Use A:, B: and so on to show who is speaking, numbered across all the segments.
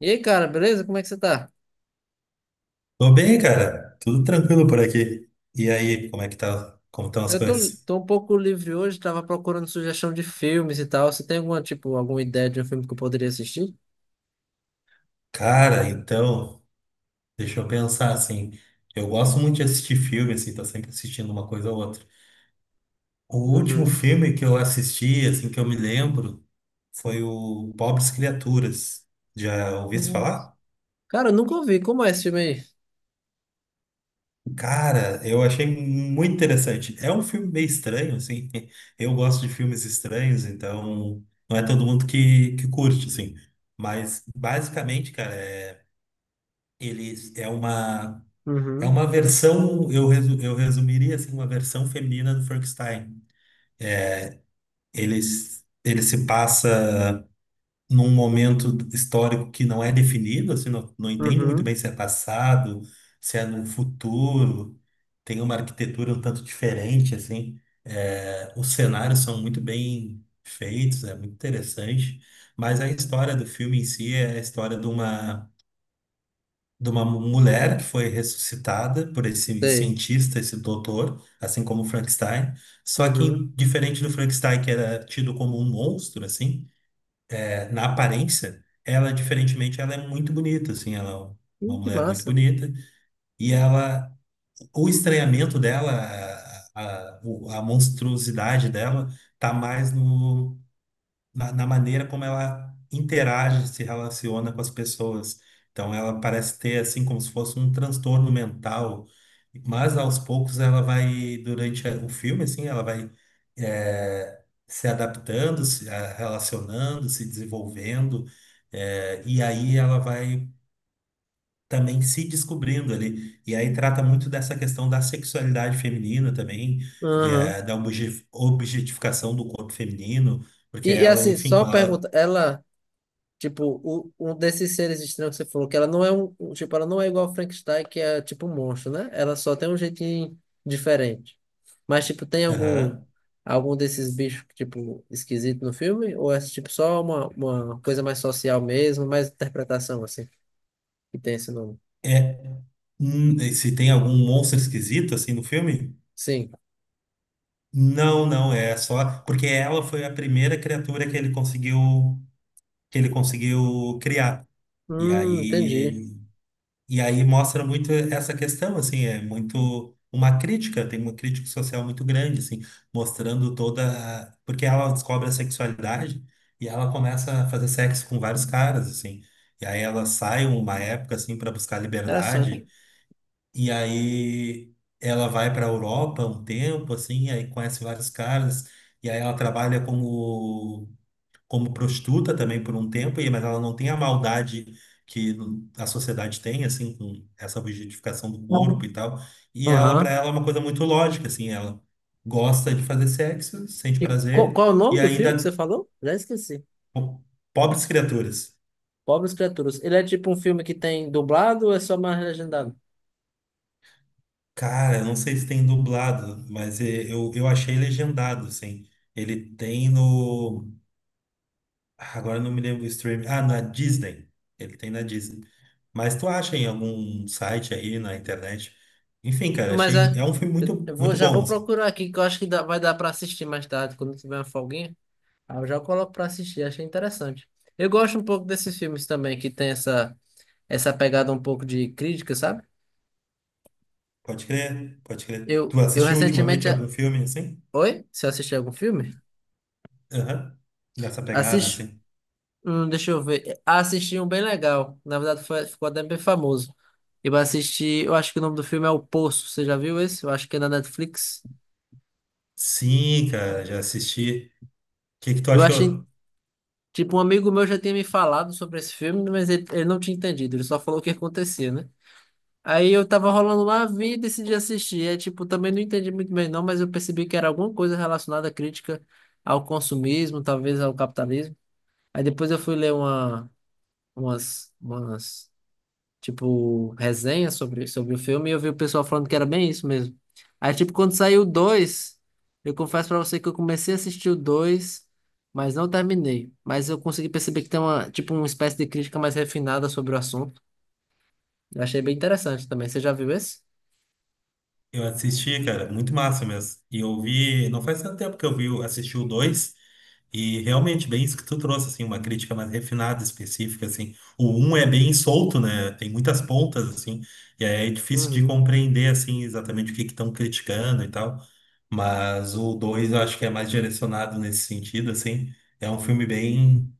A: E aí, cara, beleza? Como é que você tá?
B: Tô bem, cara. Tudo tranquilo por aqui. E aí, como é que tá? Como estão as
A: Eu tô,
B: coisas?
A: tô um pouco livre hoje, tava procurando sugestão de filmes e tal. Você tem tipo, alguma ideia de um filme que eu poderia assistir?
B: Cara, então, deixa eu pensar assim. Eu gosto muito de assistir filme, assim, tô sempre assistindo uma coisa ou outra. O último
A: Uhum.
B: filme que eu assisti, assim, que eu me lembro, foi o Pobres Criaturas. Já ouviu se
A: Uhum.
B: falar?
A: Cara, eu nunca ouvi. Como é esse filme aí?
B: Cara, eu achei muito interessante. É um filme meio estranho, assim. Eu gosto de filmes estranhos, então não é todo mundo que curte, assim. Mas basicamente, cara, ele é uma é
A: Uhum.
B: uma versão, eu resumiria assim, uma versão feminina do Frankenstein. Ele, ele se passa num momento histórico que não é definido, assim, não entende muito
A: Uhum.
B: bem se é passado, se é no futuro, tem uma arquitetura um tanto diferente, assim, os cenários são muito bem feitos, é muito interessante, mas a história do filme em si é a história de uma mulher que foi ressuscitada por esse
A: Sei.
B: cientista, esse doutor, assim como o Frankenstein, só que
A: Uhum.
B: diferente do Frankenstein, que era tido como um monstro, assim, na aparência, ela, diferentemente, ela é muito bonita, assim, ela é
A: Ih,
B: uma
A: que
B: mulher muito
A: massa.
B: bonita. E ela, o estranhamento dela, a monstruosidade dela, tá mais no, na, na maneira como ela interage, se relaciona com as pessoas. Então, ela parece ter, assim, como se fosse um transtorno mental, mas aos poucos ela vai, durante o filme, assim, ela vai eh, se adaptando, se relacionando, se desenvolvendo, e aí ela vai também se descobrindo ali. E aí trata muito dessa questão da sexualidade feminina também,
A: Uhum.
B: da objetificação do corpo feminino, porque
A: E
B: ela,
A: assim,
B: enfim,
A: só
B: quando
A: pergunta,
B: ela.
A: ela. Tipo, um desses seres estranhos que você falou, que ela não é tipo, ela não é igual a Frankenstein, que é tipo um monstro, né? Ela só tem um jeitinho diferente. Mas, tipo, tem algum
B: Aham.
A: algum desses bichos, tipo, esquisito no filme? Ou é, tipo, só uma coisa mais social mesmo, mais interpretação, assim, que tem esse nome?
B: É, e se tem algum monstro esquisito assim no filme?
A: Sim.
B: Não, não, é só porque ela foi a primeira criatura que ele conseguiu criar. E
A: Entendi.
B: aí e aí mostra muito essa questão assim, é muito uma crítica, tem uma crítica social muito grande assim, mostrando toda porque ela descobre a sexualidade e ela começa a fazer sexo com vários caras assim. E aí ela sai uma época assim para buscar liberdade.
A: Interessante.
B: E aí ela vai para a Europa um tempo, assim, aí conhece vários caras, e aí ela trabalha como prostituta também por um tempo, e mas ela não tem a maldade que a sociedade tem, assim, com essa objetificação do corpo e tal. E ela, para
A: Aham.
B: ela, é uma coisa muito lógica, assim, ela gosta de fazer sexo, sente
A: E qual,
B: prazer,
A: qual é o
B: e
A: nome do filme que você
B: ainda,
A: falou? Já esqueci.
B: po- pobres criaturas.
A: Pobres Criaturas. Ele é tipo um filme que tem dublado ou é só mais legendado?
B: Cara, eu não sei se tem dublado, mas eu achei legendado, assim. Ele tem no. Agora eu não me lembro o streaming. Ah, na Disney. Ele tem na Disney. Mas tu acha em algum site aí na internet? Enfim, cara,
A: Mas
B: achei.
A: é.
B: É um filme
A: Eu
B: muito,
A: eu
B: muito
A: já
B: bom,
A: vou
B: assim.
A: procurar aqui, que eu acho que vai dar pra assistir mais tarde, quando tiver uma folguinha. Aí eu já coloco pra assistir, achei interessante. Eu gosto um pouco desses filmes também, que tem essa pegada um pouco de crítica, sabe?
B: Pode crer, pode crer.
A: Eu,
B: Tu
A: eu
B: assistiu
A: recentemente.
B: ultimamente algum filme assim?
A: Oi? Você assistiu algum filme?
B: Aham. Nessa pegada,
A: Assisti.
B: assim.
A: Deixa eu ver. Ah, assisti um bem legal. Na verdade, ficou até bem famoso. Eu assisti. Eu acho que o nome do filme é O Poço. Você já viu esse? Eu acho que é na Netflix.
B: Sim, cara, já assisti. O que que tu
A: Eu achei.
B: achou?
A: Tipo, um amigo meu já tinha me falado sobre esse filme, mas ele não tinha entendido, ele só falou o que acontecia, né? Aí eu tava rolando lá, vi e decidi assistir. É, tipo, também não entendi muito bem não, mas eu percebi que era alguma coisa relacionada à crítica ao consumismo, talvez ao capitalismo. Aí depois eu fui ler umas tipo, resenha sobre o filme, e eu vi o pessoal falando que era bem isso mesmo. Aí, tipo, quando saiu o dois, eu confesso pra você que eu comecei a assistir o dois, mas não terminei. Mas eu consegui perceber que tem tipo, uma espécie de crítica mais refinada sobre o assunto. Eu achei bem interessante também. Você já viu esse?
B: Eu assisti, cara, muito massa mesmo. E eu vi. Não faz tanto tempo que eu vi, assisti o dois. E realmente, bem isso que tu trouxe, assim, uma crítica mais refinada, específica, assim. O um é bem solto, né? Tem muitas pontas, assim, e aí é difícil de
A: Uhum.
B: compreender, assim, exatamente o que que estão criticando e tal. Mas o dois eu acho que é mais direcionado nesse sentido, assim. É um filme bem,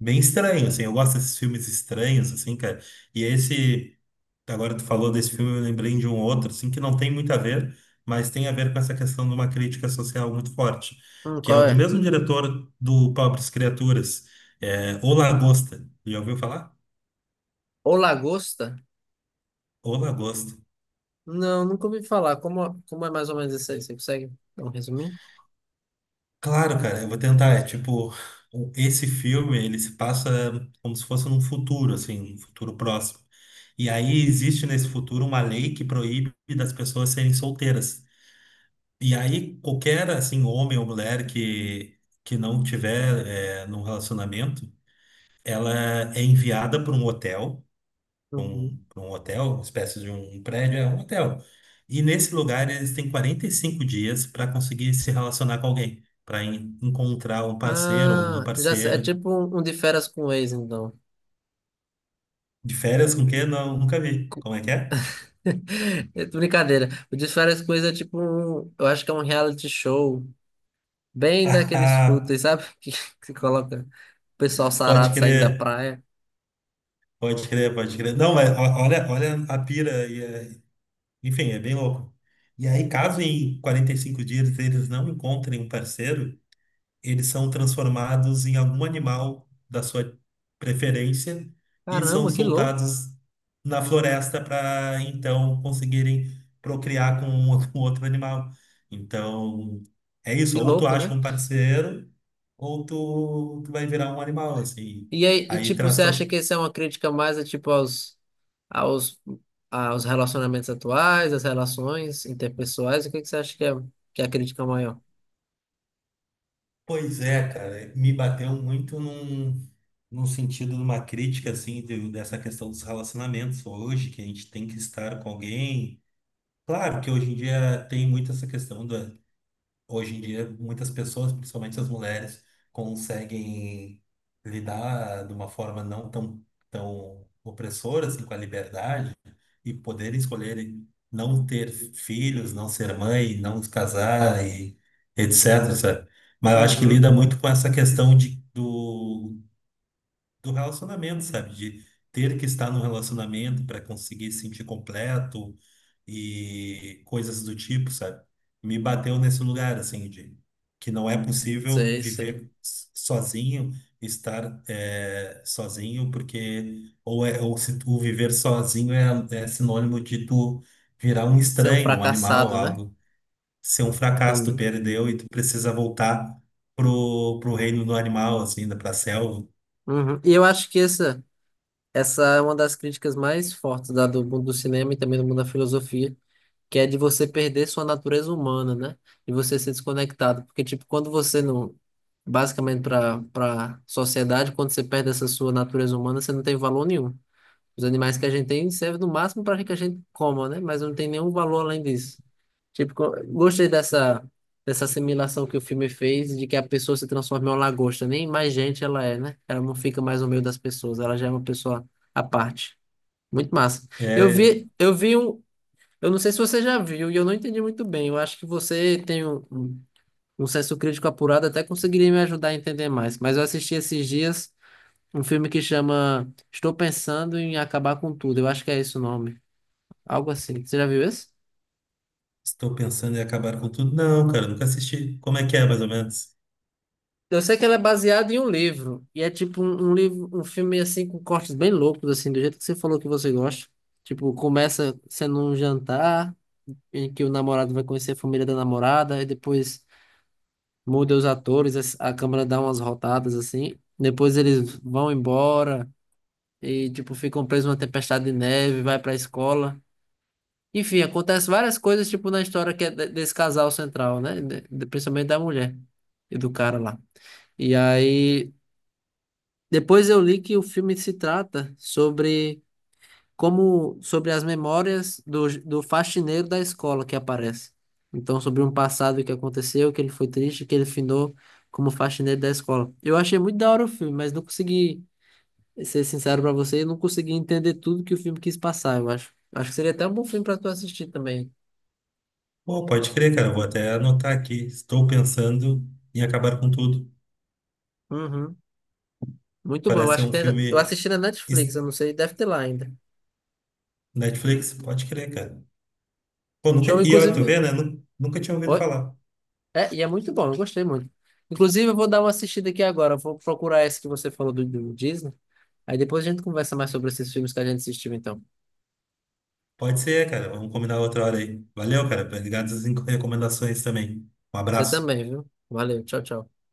B: bem estranho, assim. Eu gosto desses filmes estranhos, assim, cara. E esse. Agora tu falou desse filme, eu lembrei de um outro, assim, que não tem muito a ver, mas tem a ver com essa questão de uma crítica social muito forte, que é o
A: Qual
B: do
A: é?
B: mesmo diretor do Pobres Criaturas, O Lagosta. Já ouviu falar?
A: O Lagosta?
B: O Lagosta.
A: Não, nunca ouvi falar. Como é mais ou menos isso aí? Você consegue dar um resuminho?
B: Claro, cara, eu vou tentar. É tipo, esse filme, ele se passa como se fosse num futuro, assim, um futuro próximo. E aí existe nesse futuro uma lei que proíbe das pessoas serem solteiras. E aí, qualquer assim, homem ou mulher que não tiver num relacionamento, ela é enviada para um hotel, pra
A: Uhum.
B: um, pra um hotel, uma espécie de um prédio, é um hotel. E nesse lugar eles têm 45 dias para conseguir se relacionar com alguém, para encontrar um parceiro ou uma
A: Ah, já sei. É
B: parceira.
A: tipo um de férias com o ex, então.
B: De férias com quem? Não, nunca vi. Como é que é?
A: É brincadeira. O De Férias com Ex é tipo um, eu acho que é um reality show bem daqueles fúteis, sabe? Que coloca o pessoal
B: Pode
A: sarado saindo da
B: crer,
A: praia.
B: pode crer, pode crer. Não, mas olha, olha a pira aí. Enfim, é bem louco. E aí, caso em 45 dias eles não encontrem um parceiro, eles são transformados em algum animal da sua preferência e são
A: Caramba,
B: soltados na floresta para então conseguirem procriar com outro animal. Então, é isso.
A: que
B: Ou tu
A: louco, né?
B: acha um parceiro, ou tu vai virar um animal, assim.
A: E aí, e
B: Aí
A: tipo,
B: traz
A: você acha
B: to-
A: que isso é uma crítica mais é, tipo aos aos relacionamentos atuais, às relações interpessoais? O que que você acha que é a crítica maior?
B: Pois é, cara, me bateu muito num sentido de uma crítica, assim, dessa questão dos relacionamentos hoje, que a gente tem que estar com alguém. Claro que hoje em dia tem muito essa questão hoje em dia muitas pessoas, principalmente as mulheres, conseguem lidar de uma forma não tão, tão opressora, assim, com a liberdade, e poder escolher não ter filhos, não ser mãe, não se casar e etc, sabe? Mas eu acho que lida
A: Uhum.
B: muito com essa questão do relacionamento, sabe? De ter que estar num relacionamento para conseguir se sentir completo e coisas do tipo, sabe? Me bateu nesse lugar, assim, de que não é possível
A: Sei, sei.
B: viver sozinho, estar sozinho, porque ou se tu viver sozinho é sinônimo de tu virar um
A: Ser um
B: estranho, um animal,
A: fracassado, né?
B: algo, ser um fracasso, tu
A: Também.
B: perdeu e tu precisa voltar pro reino do animal, assim, pra selva.
A: Uhum. E eu acho que essa é uma das críticas mais fortes do mundo do cinema e também do mundo da filosofia, que é de você perder sua natureza humana, né? E você ser desconectado. Porque, tipo, quando você não. Basicamente, para sociedade, quando você perde essa sua natureza humana, você não tem valor nenhum. Os animais que a gente tem servem no máximo para que a gente coma, né? Mas não tem nenhum valor além disso. Tipo, gostei dessa assimilação que o filme fez de que a pessoa se transforma em uma lagosta. Nem mais gente ela é, né? Ela não fica mais no meio das pessoas, ela já é uma pessoa à parte. Muito massa. Eu
B: É,
A: vi, eu vi um. Eu não sei se você já viu e eu não entendi muito bem. Eu acho que você tem um senso crítico apurado, até conseguiria me ajudar a entender mais. Mas eu assisti esses dias. Um filme que chama Estou Pensando em Acabar com Tudo. Eu acho que é esse o nome. Algo assim. Você já viu esse?
B: estou pensando em acabar com tudo. Não, cara, nunca assisti. Como é que é, mais ou menos?
A: Eu sei que ele é baseado em um livro. E é tipo um livro, um filme assim com cortes bem loucos, assim, do jeito que você falou que você gosta. Tipo, começa sendo um jantar em que o namorado vai conhecer a família da namorada, e depois muda os atores, a câmera dá umas rotadas assim. Depois eles vão embora e tipo ficam presos numa tempestade de neve, vai pra escola. Enfim, acontece várias coisas, tipo, na história que é desse casal central, né? Principalmente da mulher e do cara lá. E aí, depois eu li que o filme se trata sobre sobre as memórias do faxineiro da escola que aparece. Então, sobre um passado que aconteceu, que ele foi triste, que ele finou como faxineiro da escola. Eu achei muito da hora o filme, mas não consegui ser sincero pra você, eu não consegui entender tudo que o filme quis passar, eu acho. Acho que seria até um bom filme pra tu assistir também.
B: Pô, pode crer, cara. Eu vou até anotar aqui. Estou pensando em acabar com tudo.
A: Uhum. Muito bom. Eu
B: Parece ser
A: acho que
B: um
A: tem, eu
B: filme
A: assisti na Netflix,
B: es-
A: eu não sei, deve ter lá ainda.
B: Netflix. Pode crer, cara. Pô, nunca...
A: Show,
B: E ó, tu
A: inclusive.
B: vê, né? Nunca tinha ouvido
A: Oi?
B: falar.
A: É, e é muito bom, eu gostei muito. Inclusive, eu vou dar uma assistida aqui agora. Eu vou procurar esse que você falou do Disney. Aí depois a gente conversa mais sobre esses filmes que a gente assistiu, então.
B: Pode ser, cara. Vamos combinar outra hora aí. Valeu, cara. Obrigado pelas recomendações também. Um
A: Você
B: abraço.
A: também, viu? Valeu, tchau, tchau.